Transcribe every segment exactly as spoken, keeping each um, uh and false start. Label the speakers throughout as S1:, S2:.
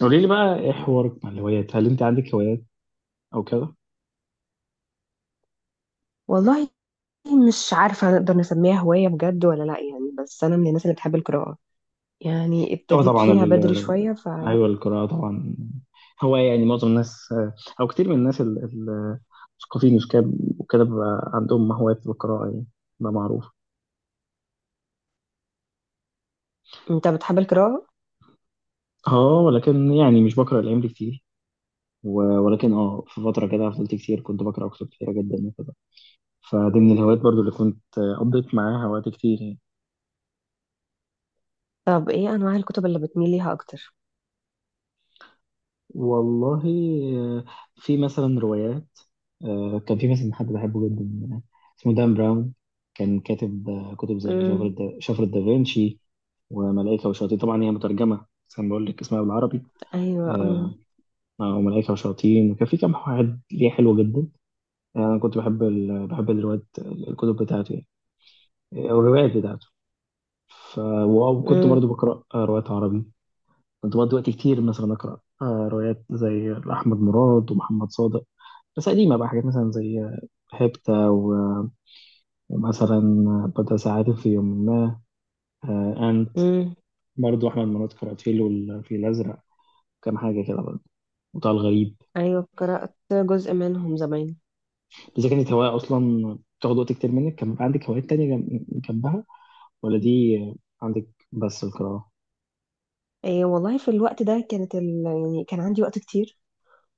S1: قولي لي بقى ايه حوارك مع الهوايات؟ هل انت عندك هوايات او كده؟
S2: والله مش عارفة نقدر نسميها هواية بجد ولا لأ، يعني بس أنا من الناس اللي بتحب القراءة. يعني
S1: اه
S2: ابتديت
S1: طبعا
S2: فيها
S1: ال...
S2: بدري شوية.
S1: آه،
S2: فأنت
S1: ايوه القراءه طبعا. هو يعني معظم الناس، آه، او كتير من الناس ال- ال- المثقفين، مش كده؟ وكده بيبقى عندهم هوايات بالقراءه يعني، ده معروف.
S2: بتحب القراءة؟
S1: اه، ولكن يعني مش بقرا الايام دي كتير، و... ولكن اه في فتره كده فضلت كتير، كنت بقرا كتب كتيره جدا وكده، فدي من الهوايات برضو اللي كنت آه، قضيت معاها وقت كتير يعني.
S2: طب إيه أنواع الكتب اللي بتميل ليها أكتر؟
S1: والله، آه، في مثلا روايات. آه، كان في مثلا حد بحبه جدا، آه، اسمه دان براون. كان كاتب، آه، كتب زي شفرة
S2: امم.
S1: دا- شفرة دافنشي وملائكة وشياطين. طبعا هي مترجمة، بس أنا بقول لك اسمها بالعربي.
S2: أيوة
S1: آه،
S2: امم.
S1: أو ملائكة وشياطين، وكان في كام حاجات ليه حلوة جدا. آه، أنا كنت بحب ال... بحب الروايات، الكتب بتاعته يعني، أو الروايات بتاعته. ف... وكنت
S2: امم.
S1: برضو بقرأ آه، روايات عربي. كنت بقضي وقت كتير مثلا أقرأ آه، روايات زي أحمد مراد ومحمد صادق. بس قديمة بقى، حاجات مثلا زي هيبتا و- ومثلا بدر ساعات في يوم ما. آه، أنت
S2: امم.
S1: برضه أحمد مراد، كاراتيل، والفيل الأزرق، كام حاجة كده برضه، وطه الغريب.
S2: أيوة، قرأت جزء منهم زمان.
S1: إذا كانت هواية أصلا بتاخد وقت كتير منك، كان عندك هوايات تانية جم- جنبها، ولا دي عندك بس القراءة؟
S2: إيه والله، في الوقت ده كانت ال... يعني كان عندي وقت كتير،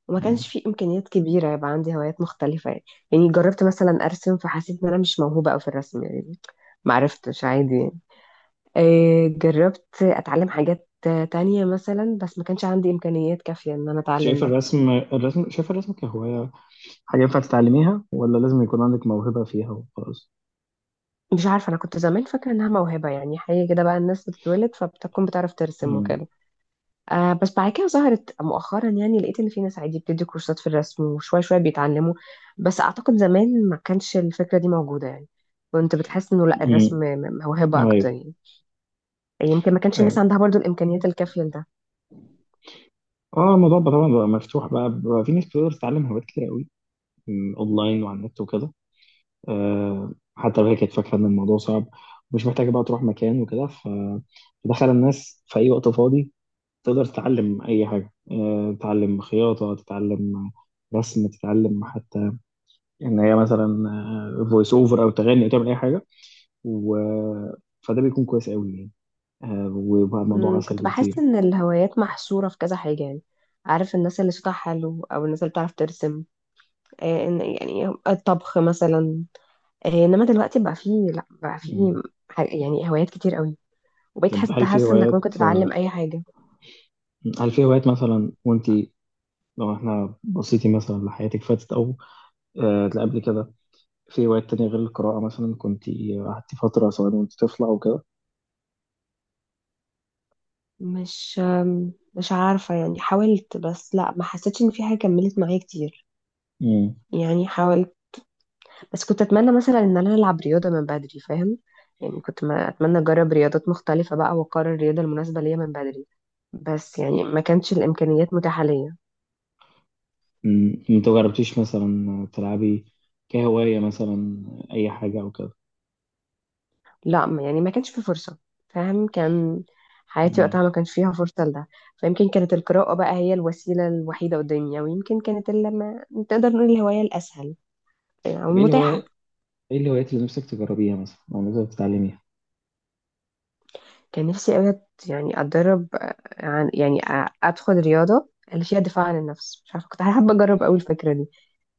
S2: وما
S1: مم.
S2: كانش فيه إمكانيات كبيرة يبقى عندي هوايات مختلفة يعني. يعني جربت مثلا أرسم، فحسيت إن أنا مش موهوبة أوي في الرسم يعني. معرفتش عادي. آه، جربت اتعلم حاجات آه، تانية مثلا، بس ما كانش عندي امكانيات كافية ان انا اتعلم
S1: شايف
S2: ده.
S1: الرسم الرسم شايف الرسم كهواية، حاجة ينفع تتعلميها ولا لازم يكون عندك موهبة فيها وخلاص؟
S2: مش عارفة، انا كنت زمان فاكرة انها موهبة، يعني حاجة كده بقى الناس بتتولد فبتكون بتعرف ترسم
S1: مم.
S2: وكده. آه بس بعد كده ظهرت مؤخرا، يعني لقيت ان في ناس عادي بتدي كورسات في الرسم وشوية شوية بيتعلموا. بس اعتقد زمان ما كانش الفكرة دي موجودة يعني. كنت بتحس انه لا، الرسم
S1: مم.
S2: م- م- موهبة اكتر
S1: أيوه.
S2: يعني. يمكن ما كانش الناس عندها برضو الامكانيات الكافية لده.
S1: اه، الموضوع بقى طبعا بقى مفتوح بقى, بقى, في ناس بتقدر تتعلم هوايات كتير قوي، م، اونلاين وعلى النت وكده، آه حتى لو هي كانت فاكره ان الموضوع صعب ومش محتاجه بقى تروح مكان وكده. ف- فدخل الناس في اي وقت فاضي تقدر تتعلم اي حاجه، آه تتعلم خياطه، تتعلم رسم، تتعلم حتى ان هي مثلا فويس اوفر، او تغني، او تعمل اي حاجه. و فده بيكون كويس قوي يعني. آه وبقى الموضوع
S2: مم،
S1: اسهل
S2: كنت بحس
S1: بكتير.
S2: ان الهوايات محصورة في كذا حاجة يعني. عارف، الناس اللي صوتها حلو او الناس اللي بتعرف ترسم، آه، إن- يعني الطبخ مثلا. آه، انما دلوقتي بقى فيه، لا بقى فيه
S1: م.
S2: ح- يعني هوايات كتير قوي. وبقيت
S1: طب
S2: حاسة
S1: هل في
S2: تحس انك
S1: هوايات،
S2: ممكن
S1: آه،
S2: تتعلم اي حاجة.
S1: هل في هوايات مثلا؟ وانت لو احنا بصيتي مثلا لحياتك فاتت، او آه قبل كده، في هوايات تانية غير القراءة مثلا كنت قعدتي فترة، سواء وانت طفلة او كده؟
S2: مش آم، مش عارفة، يعني حاولت بس لا، ما حسيتش ان في حاجة كملت معايا كتير.
S1: مم.
S2: يعني حاول، بس كنت اتمنى مثلا ان انا العب رياضه من بدري، فاهم؟ يعني كنت ما اتمنى اجرب رياضات مختلفه بقى واقرر الرياضه المناسبه ليا من بدري. بس يعني ما كانش الامكانيات متاحه ليا.
S1: مم. انت مجربتيش مثلا تلعبي كهواية مثلا اي حاجة او كده؟
S2: لا ما- يعني ما كانش في فرصه، فاهم؟ كان حياتي
S1: مم.
S2: وقتها ما كانش فيها فرصه لده. فيمكن كانت القراءه بقى هي الوسيله الوحيده قدامي، او يمكن كانت اللي ما تقدر نقول الهوايه الاسهل او
S1: طب ايه
S2: المتاحه.
S1: الهواية، ايه الهوايات اللي نفسك تجربيها مثلا، او نفسك تتعلميها؟
S2: كان نفسي قوي يعني اتدرب، آه، عن يعني آه، ادخل رياضه اللي فيها دفاع عن النفس. مش عارفه، كنت حابه اجرب قوي الفكره دي.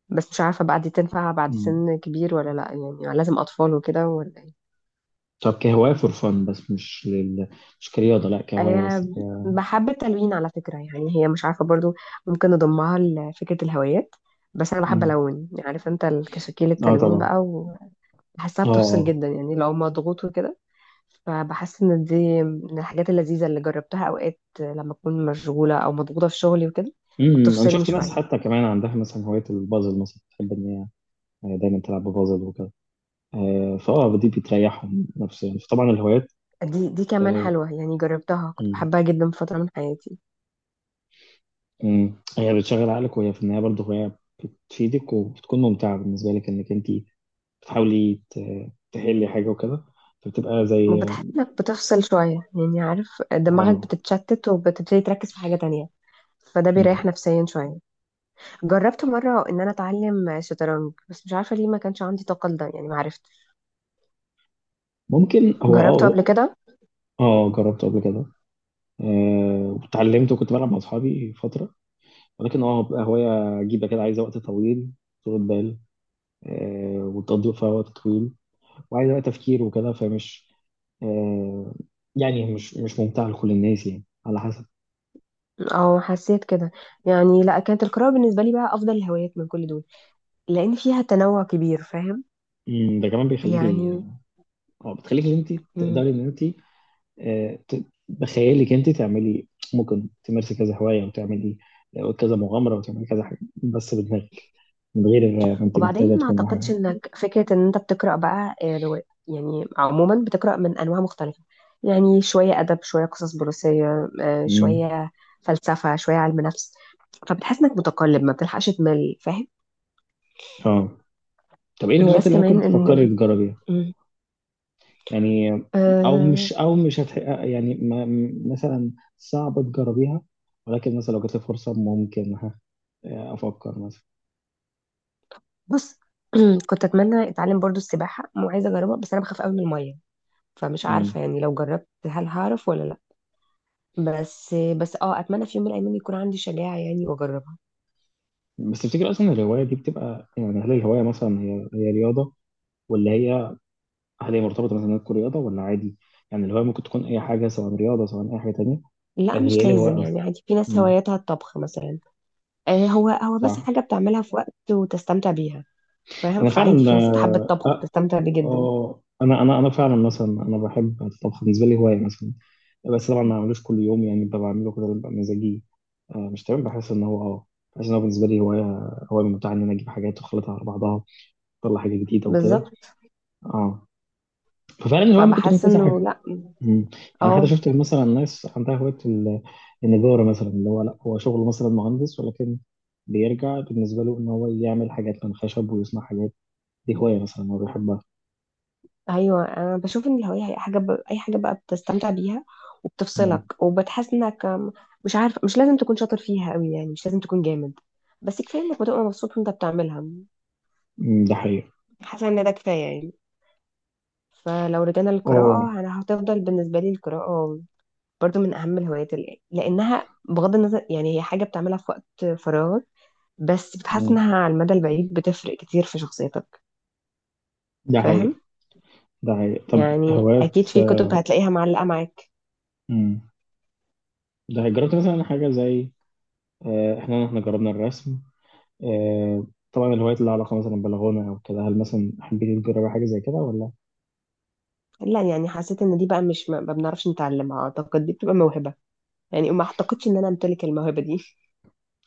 S2: بس مش عارفة بقى دي تنفع بعد
S1: مم.
S2: سن كبير ولا لأ. يعني لازم أطفال وكده ولا ايه؟
S1: طب كهواية فور فن، بس مش لل... مش كرياضة، لا كهواية بس
S2: أه.
S1: ك...
S2: بحب التلوين على فكرة. يعني هي مش عارفة برضو، ممكن نضمها لفكرة الهوايات. بس أنا بحب
S1: مم.
S2: ألون، عارف أنت الكشاكيل
S1: اه
S2: التلوين
S1: طبعا.
S2: بقى. وبحسها
S1: اه
S2: بتفصل
S1: اه.
S2: جدا يعني لو مضغوط وكده. فبحس إن دي من الحاجات اللذيذة اللي جربتها أوقات لما أكون مشغولة أو مضغوطة في شغلي وكده.
S1: مم. انا
S2: فبتفصلني
S1: شفت ناس
S2: شوية.
S1: حتى كمان عندها مثلا هواية البازل مثلا، تحب ان هي آه، دايما تلعب ببازل وكده، آه، فاه دي بتريحهم نفسيا، فطبعا الهوايات،
S2: دي دي كمان
S1: آه،
S2: حلوة يعني، جربتها كنت
S1: مم،
S2: بحبها جدا في فترة من حياتي.
S1: مم، هي بتشغل عقلك، وهي في النهايه برضه هوايه بتفيدك وبتكون ممتعه بالنسبه لك، انك انت بتحاولي ت- تحلي حاجه وكده، فبتبقى زي
S2: وبتحس انك بتفصل شوية يعني، عارف دماغك
S1: اه
S2: بتتشتت وبتبتدي تركز في حاجة تانية. فده بيريح
S1: مم.
S2: نفسيا شوية. جربت مرة ان انا اتعلم شطرنج، بس مش عارفة ليه ما كانش عندي طاقة لده، يعني ما عرفتش.
S1: ممكن هو،
S2: جربته
S1: اه
S2: قبل كده
S1: اه جربته قبل كده. آه، واتعلمت وكنت بلعب مع اصحابي فتره، ولكن اه بتبقى هوايه عجيبه كده، عايزه وقت طويل، طول بال، آه، وتقضي فيها وقت طويل، وعايز بقى تفكير وكده، فمش، آه يعني مش مش ممتع لكل الناس يعني، على حسب.
S2: او حسيت كده يعني. لا، كانت القراءة بالنسبة لي بقى افضل الهوايات من كل دول، لان فيها تنوع كبير، فاهم
S1: مم، ده كمان بيخليكي،
S2: يعني.
S1: اه بتخليكي ان انت تقدري، ان انت آه ت- بخيالك انت تعملي. ممكن تمارسي كذا هوايه وتعملي، آه، كذا مغامره، وتعملي كذا حاجه بس بدماغك، من غير ما انت محتاجه
S2: وبعدين ما
S1: تكون
S2: اعتقدش
S1: حاجه.
S2: انك فكرة ان انت بتقرأ بقى آه، رواية يعني، عموما بتقرأ من انواع مختلفة. يعني شوية ادب، شوية قصص بوليسية، آه،
S1: مم.
S2: شوية فلسفة، شوية علم نفس. فبتحس انك متقلب، ما بتلحقش تمل فاهم.
S1: اه. طب ايه الهوايات
S2: بلس
S1: اللي ممكن
S2: كمان ان
S1: تفكري
S2: ال-
S1: تجربيها؟
S2: مم.
S1: يعني او
S2: أه.
S1: مش او مش هتح... يعني ما م- مثلا صعب تجربيها، ولكن مثلا لو جات لي فرصه ممكن ها افكر مثلا.
S2: بص. كنت اتمنى اتعلم برضو السباحة وعايزة اجربها، بس انا بخاف قوي من المية. فمش
S1: مم.
S2: عارفة يعني لو جربت هل هعرف ولا لا. بس بس اه اتمنى في يوم من الايام يكون عندي شجاعة يعني، واجرب.
S1: بس تفتكر اصلا الهوايه دي بتبقى يعني، هل الهوايه مثلا هي هي رياضه ولا هي، هل هي مرتبطه مثلا إنها تكون رياضه، ولا عادي؟ يعني الهوايه ممكن تكون اي حاجه، سواء رياضه سواء اي حاجه تانيه،
S2: لا،
S1: يعني هي ايه
S2: مش لازم
S1: الهوايه اصلا؟
S2: يعني، عادي في ناس
S1: مم.
S2: هواياتها الطبخ مثلا. آه، هو هو بس
S1: صح.
S2: حاجة بتعملها في وقت وتستمتع بيها. فاهم؟
S1: انا
S2: فعادي
S1: فعلا،
S2: في ناس بتحب
S1: آه
S2: الطبخ وتستمتع بيه جدا.
S1: آه، انا انا انا فعلا مثلا، انا بحب الطبخ بالنسبه لي هوايه مثلا. بس طبعا ما بعملوش كل يوم، يعني ببقى بعمله كده، ببقى مزاجي، آه، مش تمام. بحس ان هو اه بحس ان هو بالنسبه لي هوايه، هوايه ممتعه ان انا اجيب حاجات واخلطها على بعضها، اطلع حاجه جديده وكده.
S2: بالظبط.
S1: اه، ففعلا الهوايه ممكن تكون
S2: فبحس
S1: كذا حاجه.
S2: انه لا.
S1: مم. يعني حتى
S2: اه.
S1: شفت مثلا ناس عندها هوايه ال- النجاره مثلا، اللي هو لا هو شغله مثلا مهندس، ولكن بيرجع بالنسبه له ان هو يعمل حاجات من خشب ويصنع حاجات، دي هوايه مثلا هو بيحبها.
S2: ايوه، انا بشوف ان الهواية هي حاجة ب... اي حاجة بقى بتستمتع بيها،
S1: مم.
S2: وبتفصلك وبتحس انك آم، مش عارف. مش لازم تكون شاطر فيها قوي يعني، مش لازم تكون جامد. بس كفاية انك بتبقى مبسوط وانت بتعملها.
S1: مم، ده حقيقي.
S2: حاسة ان ده كفاية يعني. فلو رجعنا
S1: اه.
S2: للقراءة، أنا هتفضل بالنسبة لي القراءة برضو من أهم الهوايات، اللي لأنها بغض النظر يعني هي حاجة بتعملها في وقت فراغك، بس بتحس
S1: مم.
S2: إنها على المدى البعيد بتفرق كتير في شخصيتك،
S1: ده حقيقي.
S2: فاهم
S1: ده حقيقي. طب
S2: يعني.
S1: هوايات،
S2: أكيد في
S1: آه،
S2: كتب هتلاقيها معلقة معاك.
S1: مم. ده جربت مثلا حاجة زي، آه، احنا احنا جربنا الرسم. آه، طبعا الهوايات اللي لها علاقة مثلا بالغنى او كده، هل مثلا حبيتي تجربي حاجة زي كده ولا؟
S2: لا، يعني حسيت إن دي بقى مش ما ما بنعرفش نتعلمها، أعتقد دي بتبقى موهبة. يعني ما أعتقدش إن أنا أمتلك الموهبة دي.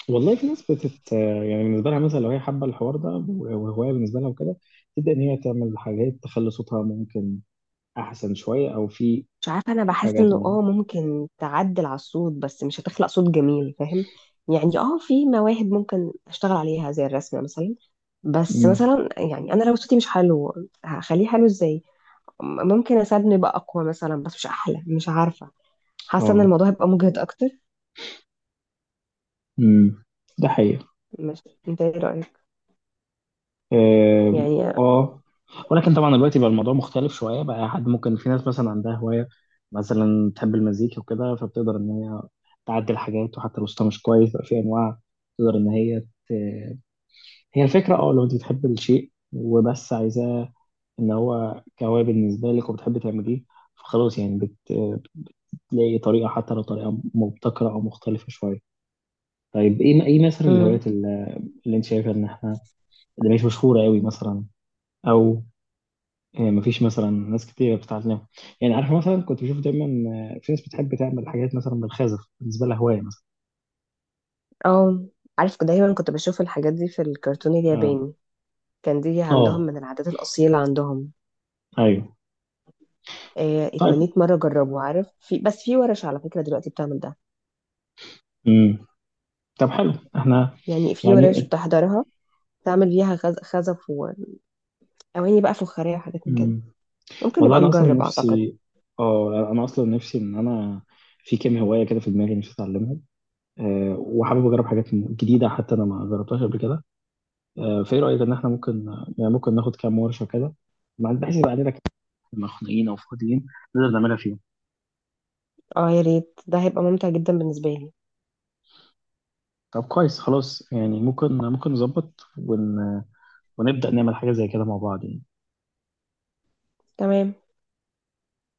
S1: والله في ناس بتت، آه، يعني بالنسبة لها مثلا لو هي حابة الحوار ده، وهواية بالنسبة لها وكده، تبدأ ان هي تعمل حاجات تخلي صوتها ممكن احسن شوية، او في
S2: مش عارفة، أنا بحس
S1: حاجات
S2: إنه
S1: اه
S2: آه ممكن تعدل على الصوت، بس مش هتخلق صوت جميل، فاهم يعني. آه، في مواهب ممكن أشتغل عليها زي الرسم مثلا. بس
S1: مم.
S2: مثلا يعني أنا لو صوتي مش حلو، هخليه حلو إزاي؟ م- ممكن أساعدني يبقى أقوى مثلا، بس مش أحلى، مش عارفة. حاسة إن
S1: آه.
S2: الموضوع هيبقى مجهد أكتر.
S1: مم. ده حقيقي.
S2: مش أنت إيه رأيك
S1: اه.
S2: يعني؟
S1: آه. ولكن طبعا دلوقتي بقى الموضوع مختلف شويه بقى، حد ممكن، في ناس مثلا عندها هوايه مثلا تحب المزيكا وكده، فبتقدر ان هي تعدل حاجات، وحتى لو صوتها مش كويس بقى، في انواع تقدر ان هي ت... هي الفكره، اه لو انت بتحب الشيء وبس عايزاه ان هو كهوايه بالنسبه لك، وبتحبي تعمليه، فخلاص يعني بت... بتلاقي طريقه، حتى لو طريقه مبتكره او مختلفه شويه. طيب، ايه ايه مثلا
S2: امم.
S1: الهوايات اللي، اللي انت شايفه ان احنا، اللي مش مشهوره قوي مثلا، او يعني مفيش مثلا ناس كتير بتتعلمها، يعني عارف مثلا كنت بشوف دايما، آه، في ناس بتحب تعمل حاجات مثلا بالخزف، بالنسبه لها هوايه مثلا.
S2: آه، عارف دايما كنت بشوف الحاجات دي في الكرتون
S1: اه.
S2: الياباني. كان دي عندهم
S1: اه.
S2: من العادات الأصيلة عندهم.
S1: ايوه.
S2: آه،
S1: طيب.
S2: اتمنيت مرة أجربه. عارف في، بس في ورش على فكرة دلوقتي بتعمل ده.
S1: امم طب حلو، احنا
S2: يعني في ورش
S1: يعني،
S2: بتحضرها، تعمل فيها خز- خزف وأواني بقى فخارية وحاجات من كده.
S1: امم
S2: ممكن
S1: والله
S2: نبقى
S1: انا اصلا
S2: نجرب أعتقد.
S1: نفسي، اه انا اصلا نفسي، ان انا في كام هوايه كده في دماغي نفسي اتعلمهم. أه، وحابب اجرب حاجات جديده حتى انا ما جربتهاش قبل كده. أه، فايه رايك ان احنا ممكن يعني ممكن ناخد كام ورشه كده، مع- بحيث يبقى عندنا كده، مخنوقين او فاضيين نقدر نعملها فيهم.
S2: اه يا ريت، ده هيبقى ممتع جدا بالنسبة لي.
S1: طب كويس خلاص، يعني ممكن ممكن نظبط ون... ونبدأ نعمل حاجة زي كده مع بعض يعني.
S2: تمام.